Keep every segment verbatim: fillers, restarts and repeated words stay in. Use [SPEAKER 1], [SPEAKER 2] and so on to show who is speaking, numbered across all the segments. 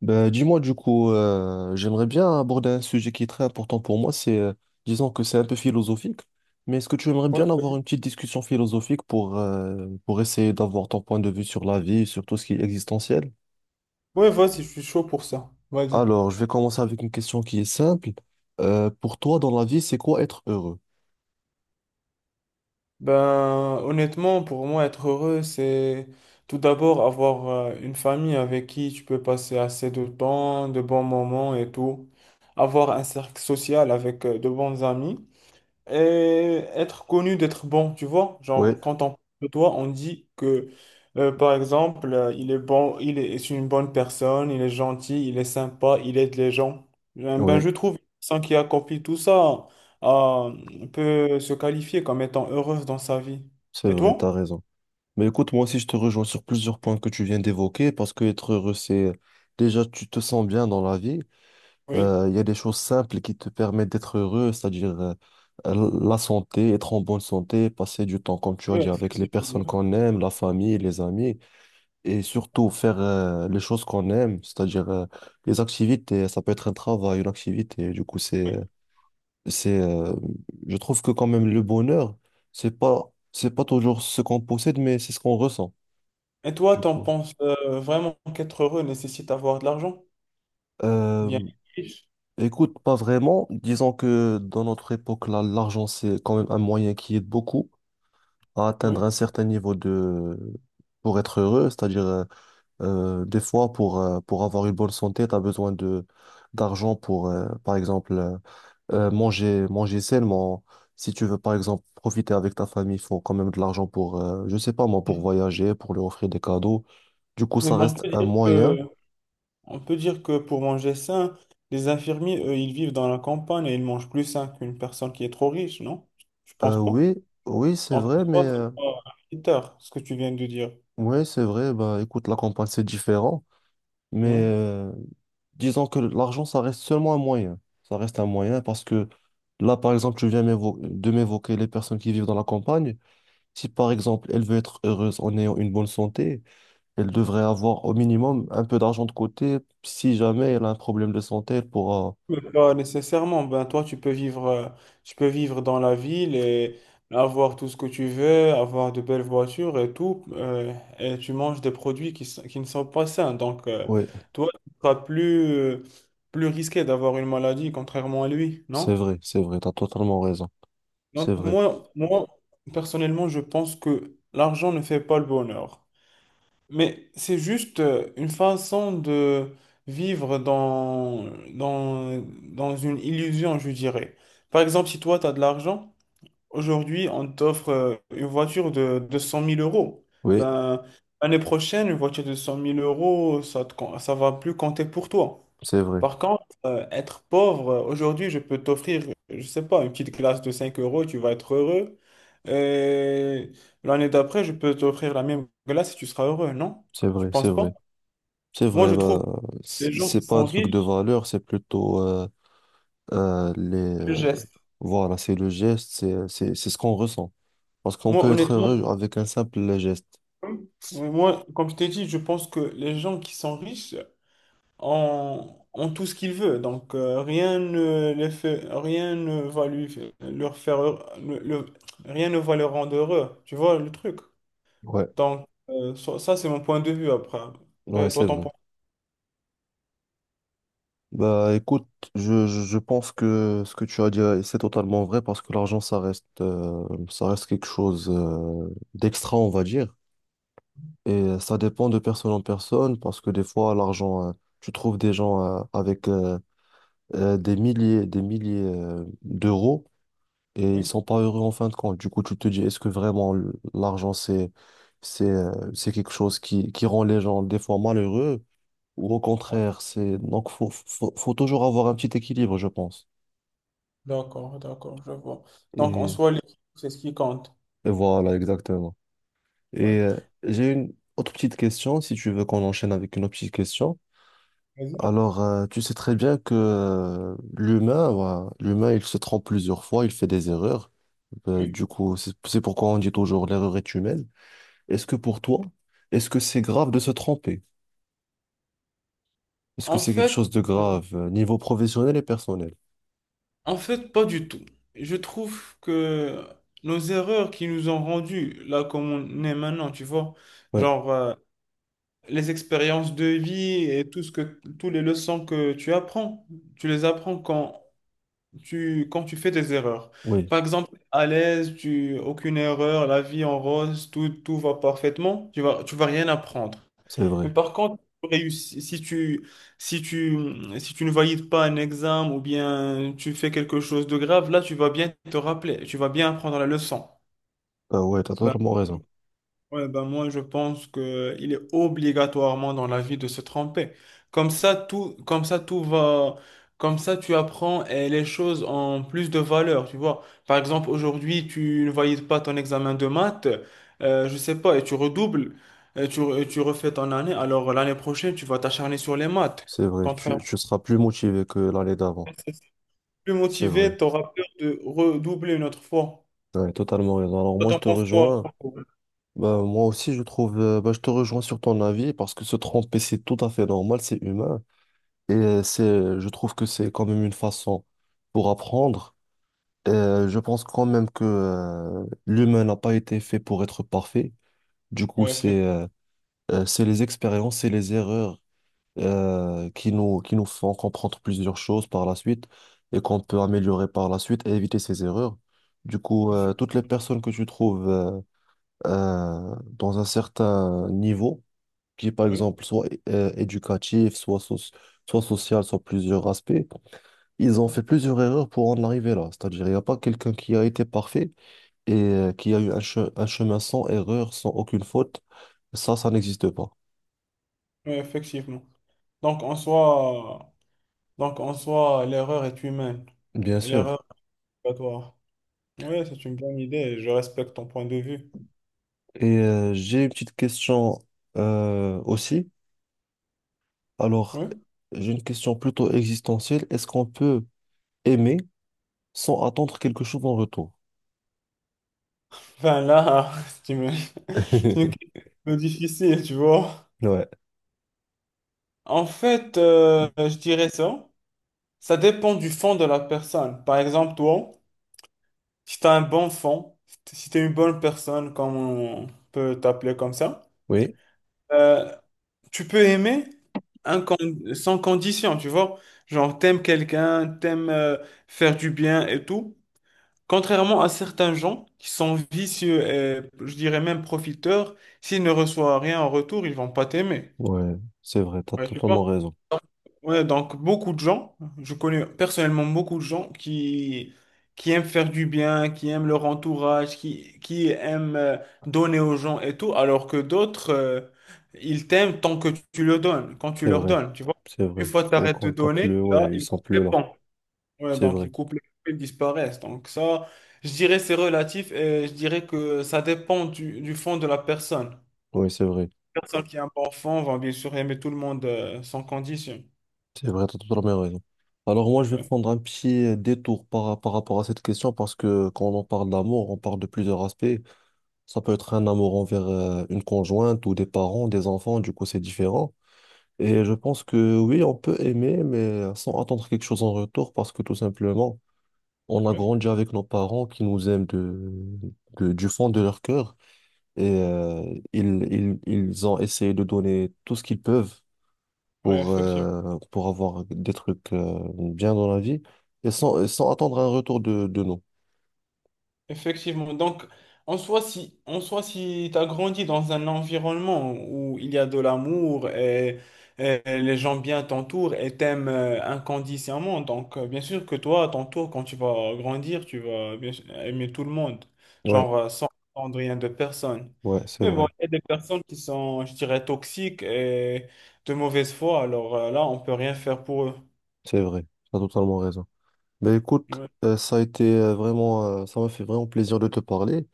[SPEAKER 1] Ben, dis-moi du coup, euh, j'aimerais bien aborder un sujet qui est très important pour moi, c'est, euh, disons que c'est un peu philosophique, mais est-ce que tu aimerais
[SPEAKER 2] Ouais,
[SPEAKER 1] bien avoir une petite discussion philosophique pour, euh, pour essayer d'avoir ton point de vue sur la vie, sur tout ce qui est existentiel?
[SPEAKER 2] ouais, vas-y, je suis chaud pour ça. Vas-y.
[SPEAKER 1] Alors, je vais commencer avec une question qui est simple. Euh, pour toi, dans la vie, c'est quoi être heureux?
[SPEAKER 2] Ben, honnêtement, pour moi, être heureux, c'est tout d'abord avoir euh, une famille avec qui tu peux passer assez de temps, de bons moments et tout. Avoir un cercle social avec euh, de bons amis, et être connu, d'être bon, tu vois.
[SPEAKER 1] Oui,
[SPEAKER 2] Genre, quand on parle de toi, on dit que, euh, par exemple, euh, il est bon, il est, c'est une bonne personne, il est gentil, il est sympa, il aide les gens. Eh Ben,
[SPEAKER 1] oui,
[SPEAKER 2] je trouve sans qui accomplit tout ça, euh, peut se qualifier comme étant heureuse dans sa vie.
[SPEAKER 1] c'est
[SPEAKER 2] Et
[SPEAKER 1] vrai,
[SPEAKER 2] toi?
[SPEAKER 1] t'as raison. Mais écoute, moi aussi, je te rejoins sur plusieurs points que tu viens d'évoquer, parce que être heureux, c'est déjà, tu te sens bien dans la vie.
[SPEAKER 2] Oui.
[SPEAKER 1] Euh, Il y a des choses simples qui te permettent d'être heureux, c'est-à-dire euh, euh, la santé, être en bonne santé, passer du temps, comme tu as
[SPEAKER 2] Oui,
[SPEAKER 1] dit, avec les
[SPEAKER 2] effectivement.
[SPEAKER 1] personnes qu'on aime, la famille, les amis, et surtout faire euh, les choses qu'on aime, c'est-à-dire euh, les activités. Ça peut être un travail, une activité. Du coup, c'est, euh, c'est, euh, je trouve que quand même le bonheur, c'est pas, c'est pas toujours ce qu'on possède, mais c'est ce qu'on ressent.
[SPEAKER 2] Et toi,
[SPEAKER 1] Du
[SPEAKER 2] t'en
[SPEAKER 1] coup.
[SPEAKER 2] penses euh, vraiment qu'être heureux nécessite d'avoir de l'argent? Bien
[SPEAKER 1] Euh,
[SPEAKER 2] riche,
[SPEAKER 1] Écoute, pas vraiment. Disons que dans notre époque, là, l'argent, c'est quand même un moyen qui aide beaucoup à atteindre
[SPEAKER 2] oui.
[SPEAKER 1] un certain niveau de... pour être heureux. C'est-à-dire, euh, euh, des fois, pour, euh, pour avoir une bonne santé, tu as besoin de d'argent pour, euh, par exemple, euh, euh, manger, manger sainement. Si tu veux, par exemple, profiter avec ta famille, il faut quand même de l'argent pour, euh, je sais pas moi, pour voyager, pour leur offrir des cadeaux. Du coup,
[SPEAKER 2] Mais
[SPEAKER 1] ça
[SPEAKER 2] on
[SPEAKER 1] reste
[SPEAKER 2] peut
[SPEAKER 1] un
[SPEAKER 2] dire que
[SPEAKER 1] moyen.
[SPEAKER 2] On peut dire que pour manger sain, les infirmiers, eux, ils vivent dans la campagne et ils mangent plus sain qu'une personne qui est trop riche, non? Je
[SPEAKER 1] Euh,
[SPEAKER 2] pense pas.
[SPEAKER 1] oui, oui, c'est
[SPEAKER 2] Encore
[SPEAKER 1] vrai, mais...
[SPEAKER 2] toi, c'est
[SPEAKER 1] euh,
[SPEAKER 2] pas un critère, ce que tu viens de dire.
[SPEAKER 1] oui, c'est vrai, bah écoute, la campagne c'est différent, mais
[SPEAKER 2] Ouais.
[SPEAKER 1] euh, disons que l'argent ça reste seulement un moyen. Ça reste un moyen parce que là par exemple, tu viens m'évo- de m'évoquer les personnes qui vivent dans la campagne. Si par exemple elle veut être heureuse en ayant une bonne santé, elle devrait avoir au minimum un peu d'argent de côté. Si jamais elle a un problème de santé, elle pourra.
[SPEAKER 2] Mais pas nécessairement. Ben, toi, tu peux vivre, euh, tu peux vivre dans la ville et avoir tout ce que tu veux, avoir de belles voitures et tout, euh, et tu manges des produits qui, s- qui ne sont pas sains. Donc, euh,
[SPEAKER 1] Oui,
[SPEAKER 2] toi, tu seras plus, euh, plus risqué d'avoir une maladie, contrairement à lui,
[SPEAKER 1] c'est
[SPEAKER 2] non?
[SPEAKER 1] vrai, c'est vrai, t'as totalement raison.
[SPEAKER 2] Donc
[SPEAKER 1] C'est vrai,
[SPEAKER 2] moi, moi, personnellement, je pense que l'argent ne fait pas le bonheur. Mais c'est juste euh, une façon de vivre dans, dans, dans une illusion, je dirais. Par exemple, si toi, tu as de l'argent, aujourd'hui, on t'offre euh, une voiture de, de cent mille euros.
[SPEAKER 1] oui,
[SPEAKER 2] Ben, l'année prochaine, une voiture de cent mille euros, ça te com- ça va plus compter pour toi.
[SPEAKER 1] c'est vrai,
[SPEAKER 2] Par contre, euh, être pauvre, euh, aujourd'hui, je peux t'offrir, je sais pas, une petite glace de cinq euros, tu vas être heureux. Et l'année d'après, je peux t'offrir la même glace et tu seras heureux, non?
[SPEAKER 1] c'est
[SPEAKER 2] Tu
[SPEAKER 1] vrai, c'est
[SPEAKER 2] penses pas?
[SPEAKER 1] vrai. C'est
[SPEAKER 2] Moi,
[SPEAKER 1] vrai,
[SPEAKER 2] je trouve
[SPEAKER 1] bah, c-
[SPEAKER 2] les gens
[SPEAKER 1] c'est
[SPEAKER 2] qui
[SPEAKER 1] pas un
[SPEAKER 2] sont
[SPEAKER 1] truc de
[SPEAKER 2] riches,
[SPEAKER 1] valeur, c'est plutôt. euh, euh, les,
[SPEAKER 2] je
[SPEAKER 1] euh,
[SPEAKER 2] geste.
[SPEAKER 1] voilà, c'est le geste, c'est, c'est, c'est ce qu'on ressent. Parce qu'on
[SPEAKER 2] Moi,
[SPEAKER 1] peut être
[SPEAKER 2] honnêtement,
[SPEAKER 1] heureux avec un simple geste.
[SPEAKER 2] oui, moi, comme je t'ai dit, je pense que les gens qui sont riches, en, en tout ce qu'il veut. Donc, euh, rien ne les fait, rien ne va lui leur faire, heure- le- le- rien ne va le rendre heureux. Tu vois le truc?
[SPEAKER 1] Ouais,
[SPEAKER 2] Donc, euh, ça, ça, c'est mon point de vue. Après.
[SPEAKER 1] ouais,
[SPEAKER 2] Après, toi,
[SPEAKER 1] c'est
[SPEAKER 2] ton
[SPEAKER 1] vrai.
[SPEAKER 2] point
[SPEAKER 1] Bah écoute, je, je je pense que ce que tu as dit, euh, c'est totalement vrai parce que l'argent, ça reste, euh, ça reste quelque chose euh, d'extra, on va dire. Et euh, ça dépend de personne en personne parce que des fois, l'argent, euh, tu trouves des gens euh, avec euh, euh, des milliers, des milliers euh, d'euros et
[SPEAKER 2] de
[SPEAKER 1] ils
[SPEAKER 2] vue?
[SPEAKER 1] sont pas heureux en fin de compte. Du coup, tu te dis, est-ce que vraiment le- l'argent, c'est, c'est, euh, c'est quelque chose qui, qui rend les gens des fois malheureux ou au
[SPEAKER 2] Oui.
[SPEAKER 1] contraire, c'est, donc, faut, faut, faut toujours avoir un petit équilibre, je pense.
[SPEAKER 2] D'accord, d'accord, je vois. Donc, en
[SPEAKER 1] Et,
[SPEAKER 2] soi, les- c'est ce qui compte.
[SPEAKER 1] et voilà, exactement.
[SPEAKER 2] Ouais.
[SPEAKER 1] Et euh, j'ai une autre petite question, si tu veux qu'on enchaîne avec une autre petite question.
[SPEAKER 2] Vas-y.
[SPEAKER 1] Alors, euh, tu sais très bien que euh, l'humain, voilà, l'humain, il se trompe plusieurs fois, il fait des erreurs. Euh,
[SPEAKER 2] Oui.
[SPEAKER 1] du coup, c'est c'est pourquoi on dit toujours l'erreur est humaine. Est-ce que pour toi, est-ce que c'est grave de se tromper? Est-ce que
[SPEAKER 2] En
[SPEAKER 1] c'est quelque
[SPEAKER 2] fait,
[SPEAKER 1] chose de
[SPEAKER 2] euh,
[SPEAKER 1] grave, euh, niveau professionnel et personnel?
[SPEAKER 2] en fait, pas du tout. Je trouve que nos erreurs qui nous ont rendus là comme on est maintenant, tu vois,
[SPEAKER 1] Ouais,
[SPEAKER 2] genre, euh, les expériences de vie et tout ce que, tous les leçons que tu apprends, tu les apprends quand tu, quand tu fais des erreurs.
[SPEAKER 1] oui,
[SPEAKER 2] Par exemple, à l'aise, tu, aucune erreur, la vie en rose, tout, tout va parfaitement, tu vas, tu vas rien apprendre.
[SPEAKER 1] c'est vrai.
[SPEAKER 2] Mais par contre, si tu réussis- si tu, si tu, si tu ne valides pas un examen ou bien tu fais quelque chose de grave, là, tu vas bien te rappeler, tu vas bien apprendre la leçon.
[SPEAKER 1] Ah ouais, t'as
[SPEAKER 2] Ben,
[SPEAKER 1] totalement raison.
[SPEAKER 2] Ouais, ben moi, je pense que il est obligatoirement dans la vie de se tromper. Comme ça, tout, comme ça, tout va, comme ça, tu apprends eh, les choses en plus de valeur, tu vois. Par exemple, aujourd'hui, tu ne valides pas ton examen de maths, euh, je sais pas, et tu redoubles, et tu, et tu refais ton année. Alors, l'année prochaine, tu vas t'acharner sur les maths.
[SPEAKER 1] C'est vrai, tu,
[SPEAKER 2] Contrairement,
[SPEAKER 1] tu seras plus motivé que l'année d'avant.
[SPEAKER 2] si tu plus
[SPEAKER 1] C'est vrai.
[SPEAKER 2] motivé, tu auras peur de redoubler une autre fois.
[SPEAKER 1] Ouais, totalement raison. Alors
[SPEAKER 2] Toi,
[SPEAKER 1] moi, je
[SPEAKER 2] t'en
[SPEAKER 1] te
[SPEAKER 2] penses quoi?
[SPEAKER 1] rejoins. Bah, moi aussi, je trouve, euh, bah, je te rejoins sur ton avis parce que se tromper, c'est tout à fait normal, c'est humain. Et euh, c'est, je trouve que c'est quand même une façon pour apprendre. Et, euh, je pense quand même que euh, l'humain n'a pas été fait pour être parfait. Du coup,
[SPEAKER 2] Ouais, effect-
[SPEAKER 1] c'est euh, euh, c'est les expériences et les erreurs euh, qui nous, qui nous font comprendre plusieurs choses par la suite et qu'on peut améliorer par la suite et éviter ces erreurs. Du coup, euh, toutes les personnes que tu trouves euh, euh, dans un certain niveau, qui est par
[SPEAKER 2] oui,
[SPEAKER 1] exemple soit euh, éducatif, soit, soci- soit social, soit plusieurs aspects, ils ont fait plusieurs erreurs pour en arriver là. C'est-à-dire, il n'y a pas quelqu'un qui a été parfait et euh, qui a eu un, che- un chemin sans erreur, sans aucune faute. Ça, ça n'existe pas.
[SPEAKER 2] ouais, effectivement. Donc, en soi. Donc, en soi, l'erreur est humaine.
[SPEAKER 1] Bien sûr.
[SPEAKER 2] L'erreur est obligatoire. Oui, c'est une bonne idée, et je respecte ton point de vue.
[SPEAKER 1] Et euh, j'ai une petite question euh, aussi. Alors,
[SPEAKER 2] Oui.
[SPEAKER 1] j'ai une question plutôt existentielle. Est-ce qu'on peut aimer sans attendre quelque chose en retour?
[SPEAKER 2] Enfin, là, c'est une c'est une question difficile, tu vois.
[SPEAKER 1] Ouais,
[SPEAKER 2] En fait, euh, je dirais ça. Ça dépend du fond de la personne. Par exemple, toi, si tu as un bon fond, si tu es une bonne personne, comme on peut t'appeler comme ça,
[SPEAKER 1] oui,
[SPEAKER 2] euh, tu peux aimer incon- sans condition, tu vois. Genre, t'aimes quelqu'un, t'aimes euh, faire du bien et tout. Contrairement à certains gens qui sont vicieux et je dirais même profiteurs, s'ils ne reçoivent rien en retour, ils vont pas t'aimer.
[SPEAKER 1] ouais, c'est vrai, t'as
[SPEAKER 2] Ouais, tu vois?
[SPEAKER 1] totalement raison.
[SPEAKER 2] Ouais, donc beaucoup de gens, je connais personnellement beaucoup de gens qui, qui aiment faire du bien, qui aiment leur entourage, qui, qui aiment euh, donner aux gens et tout, alors que d'autres, euh, ils t'aiment tant que tu le donnes, quand tu
[SPEAKER 1] C'est
[SPEAKER 2] leur
[SPEAKER 1] vrai,
[SPEAKER 2] donnes, tu vois?
[SPEAKER 1] c'est
[SPEAKER 2] Une
[SPEAKER 1] vrai.
[SPEAKER 2] fois que tu
[SPEAKER 1] Et
[SPEAKER 2] arrêtes de
[SPEAKER 1] quand t'as
[SPEAKER 2] donner,
[SPEAKER 1] plus,
[SPEAKER 2] là,
[SPEAKER 1] ouais, ils
[SPEAKER 2] ils
[SPEAKER 1] sont
[SPEAKER 2] coupent les
[SPEAKER 1] plus là.
[SPEAKER 2] ponts. Ouais,
[SPEAKER 1] C'est
[SPEAKER 2] donc
[SPEAKER 1] vrai,
[SPEAKER 2] ils coupent les cheveux, ils disparaissent. Donc ça, je dirais c'est relatif et je dirais que ça dépend du, du fond de la personne.
[SPEAKER 1] oui, c'est vrai,
[SPEAKER 2] La personne qui est un bon fond va bien sûr aimer tout le monde euh, sans condition.
[SPEAKER 1] c'est vrai, t'as totalement raison. Alors moi, je vais
[SPEAKER 2] Ouais,
[SPEAKER 1] prendre un petit détour par, par rapport à cette question parce que quand on parle d'amour, on parle de plusieurs aspects. Ça peut être un amour envers euh, une conjointe ou des parents, des enfants, du coup c'est différent. Et je
[SPEAKER 2] ouais,
[SPEAKER 1] pense que oui, on peut aimer, mais sans attendre quelque chose en retour, parce que tout simplement, on a
[SPEAKER 2] ouais,
[SPEAKER 1] grandi avec nos parents qui nous aiment de, de- du fond de leur cœur. Et euh, ils, ils, ils ont essayé de donner tout ce qu'ils peuvent
[SPEAKER 2] ouais,
[SPEAKER 1] pour,
[SPEAKER 2] effectivement.
[SPEAKER 1] euh, pour avoir des trucs euh, bien dans la vie, et sans, sans attendre un retour de, de nous.
[SPEAKER 2] Effectivement. Donc, en soi, si, en soi, si tu as grandi dans un environnement où il y a de l'amour et, et les gens bien t'entourent et t'aiment euh, inconditionnellement, donc euh, bien sûr que toi, à ton tour, quand tu vas grandir, tu vas bien sûr aimer tout le monde,
[SPEAKER 1] Ouais,
[SPEAKER 2] genre euh, sans attendre rien de personne.
[SPEAKER 1] ouais, c'est
[SPEAKER 2] Mais bon,
[SPEAKER 1] vrai,
[SPEAKER 2] il y a des personnes qui sont, je dirais, toxiques et de mauvaise foi, alors euh, là, on peut rien faire pour eux.
[SPEAKER 1] c'est vrai. Tu as totalement raison. Ben écoute,
[SPEAKER 2] Ouais,
[SPEAKER 1] euh, ça a été euh, vraiment, euh, ça m'a fait vraiment plaisir de te parler.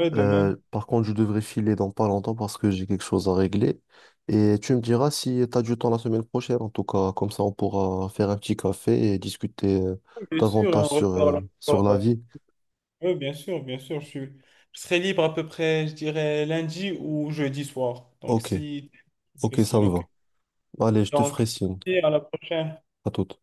[SPEAKER 2] ouais, de
[SPEAKER 1] Euh,
[SPEAKER 2] même.
[SPEAKER 1] par contre, je devrais filer dans pas longtemps parce que j'ai quelque chose à régler. Et tu me diras si tu as du temps la semaine prochaine. En tout cas, comme ça, on pourra faire un petit café et discuter euh,
[SPEAKER 2] Bien sûr, et on
[SPEAKER 1] davantage sur,
[SPEAKER 2] reparle
[SPEAKER 1] euh, sur
[SPEAKER 2] encore.
[SPEAKER 1] la
[SPEAKER 2] euh,
[SPEAKER 1] vie.
[SPEAKER 2] Oui, bien sûr, bien sûr. Je suis... je serai libre à peu près, je dirais, lundi ou jeudi soir. Donc,
[SPEAKER 1] Ok,
[SPEAKER 2] si...
[SPEAKER 1] ok, ça
[SPEAKER 2] Christine,
[SPEAKER 1] me
[SPEAKER 2] ok.
[SPEAKER 1] va. Allez, je te
[SPEAKER 2] Donc,
[SPEAKER 1] ferai signe.
[SPEAKER 2] à la prochaine.
[SPEAKER 1] À toute.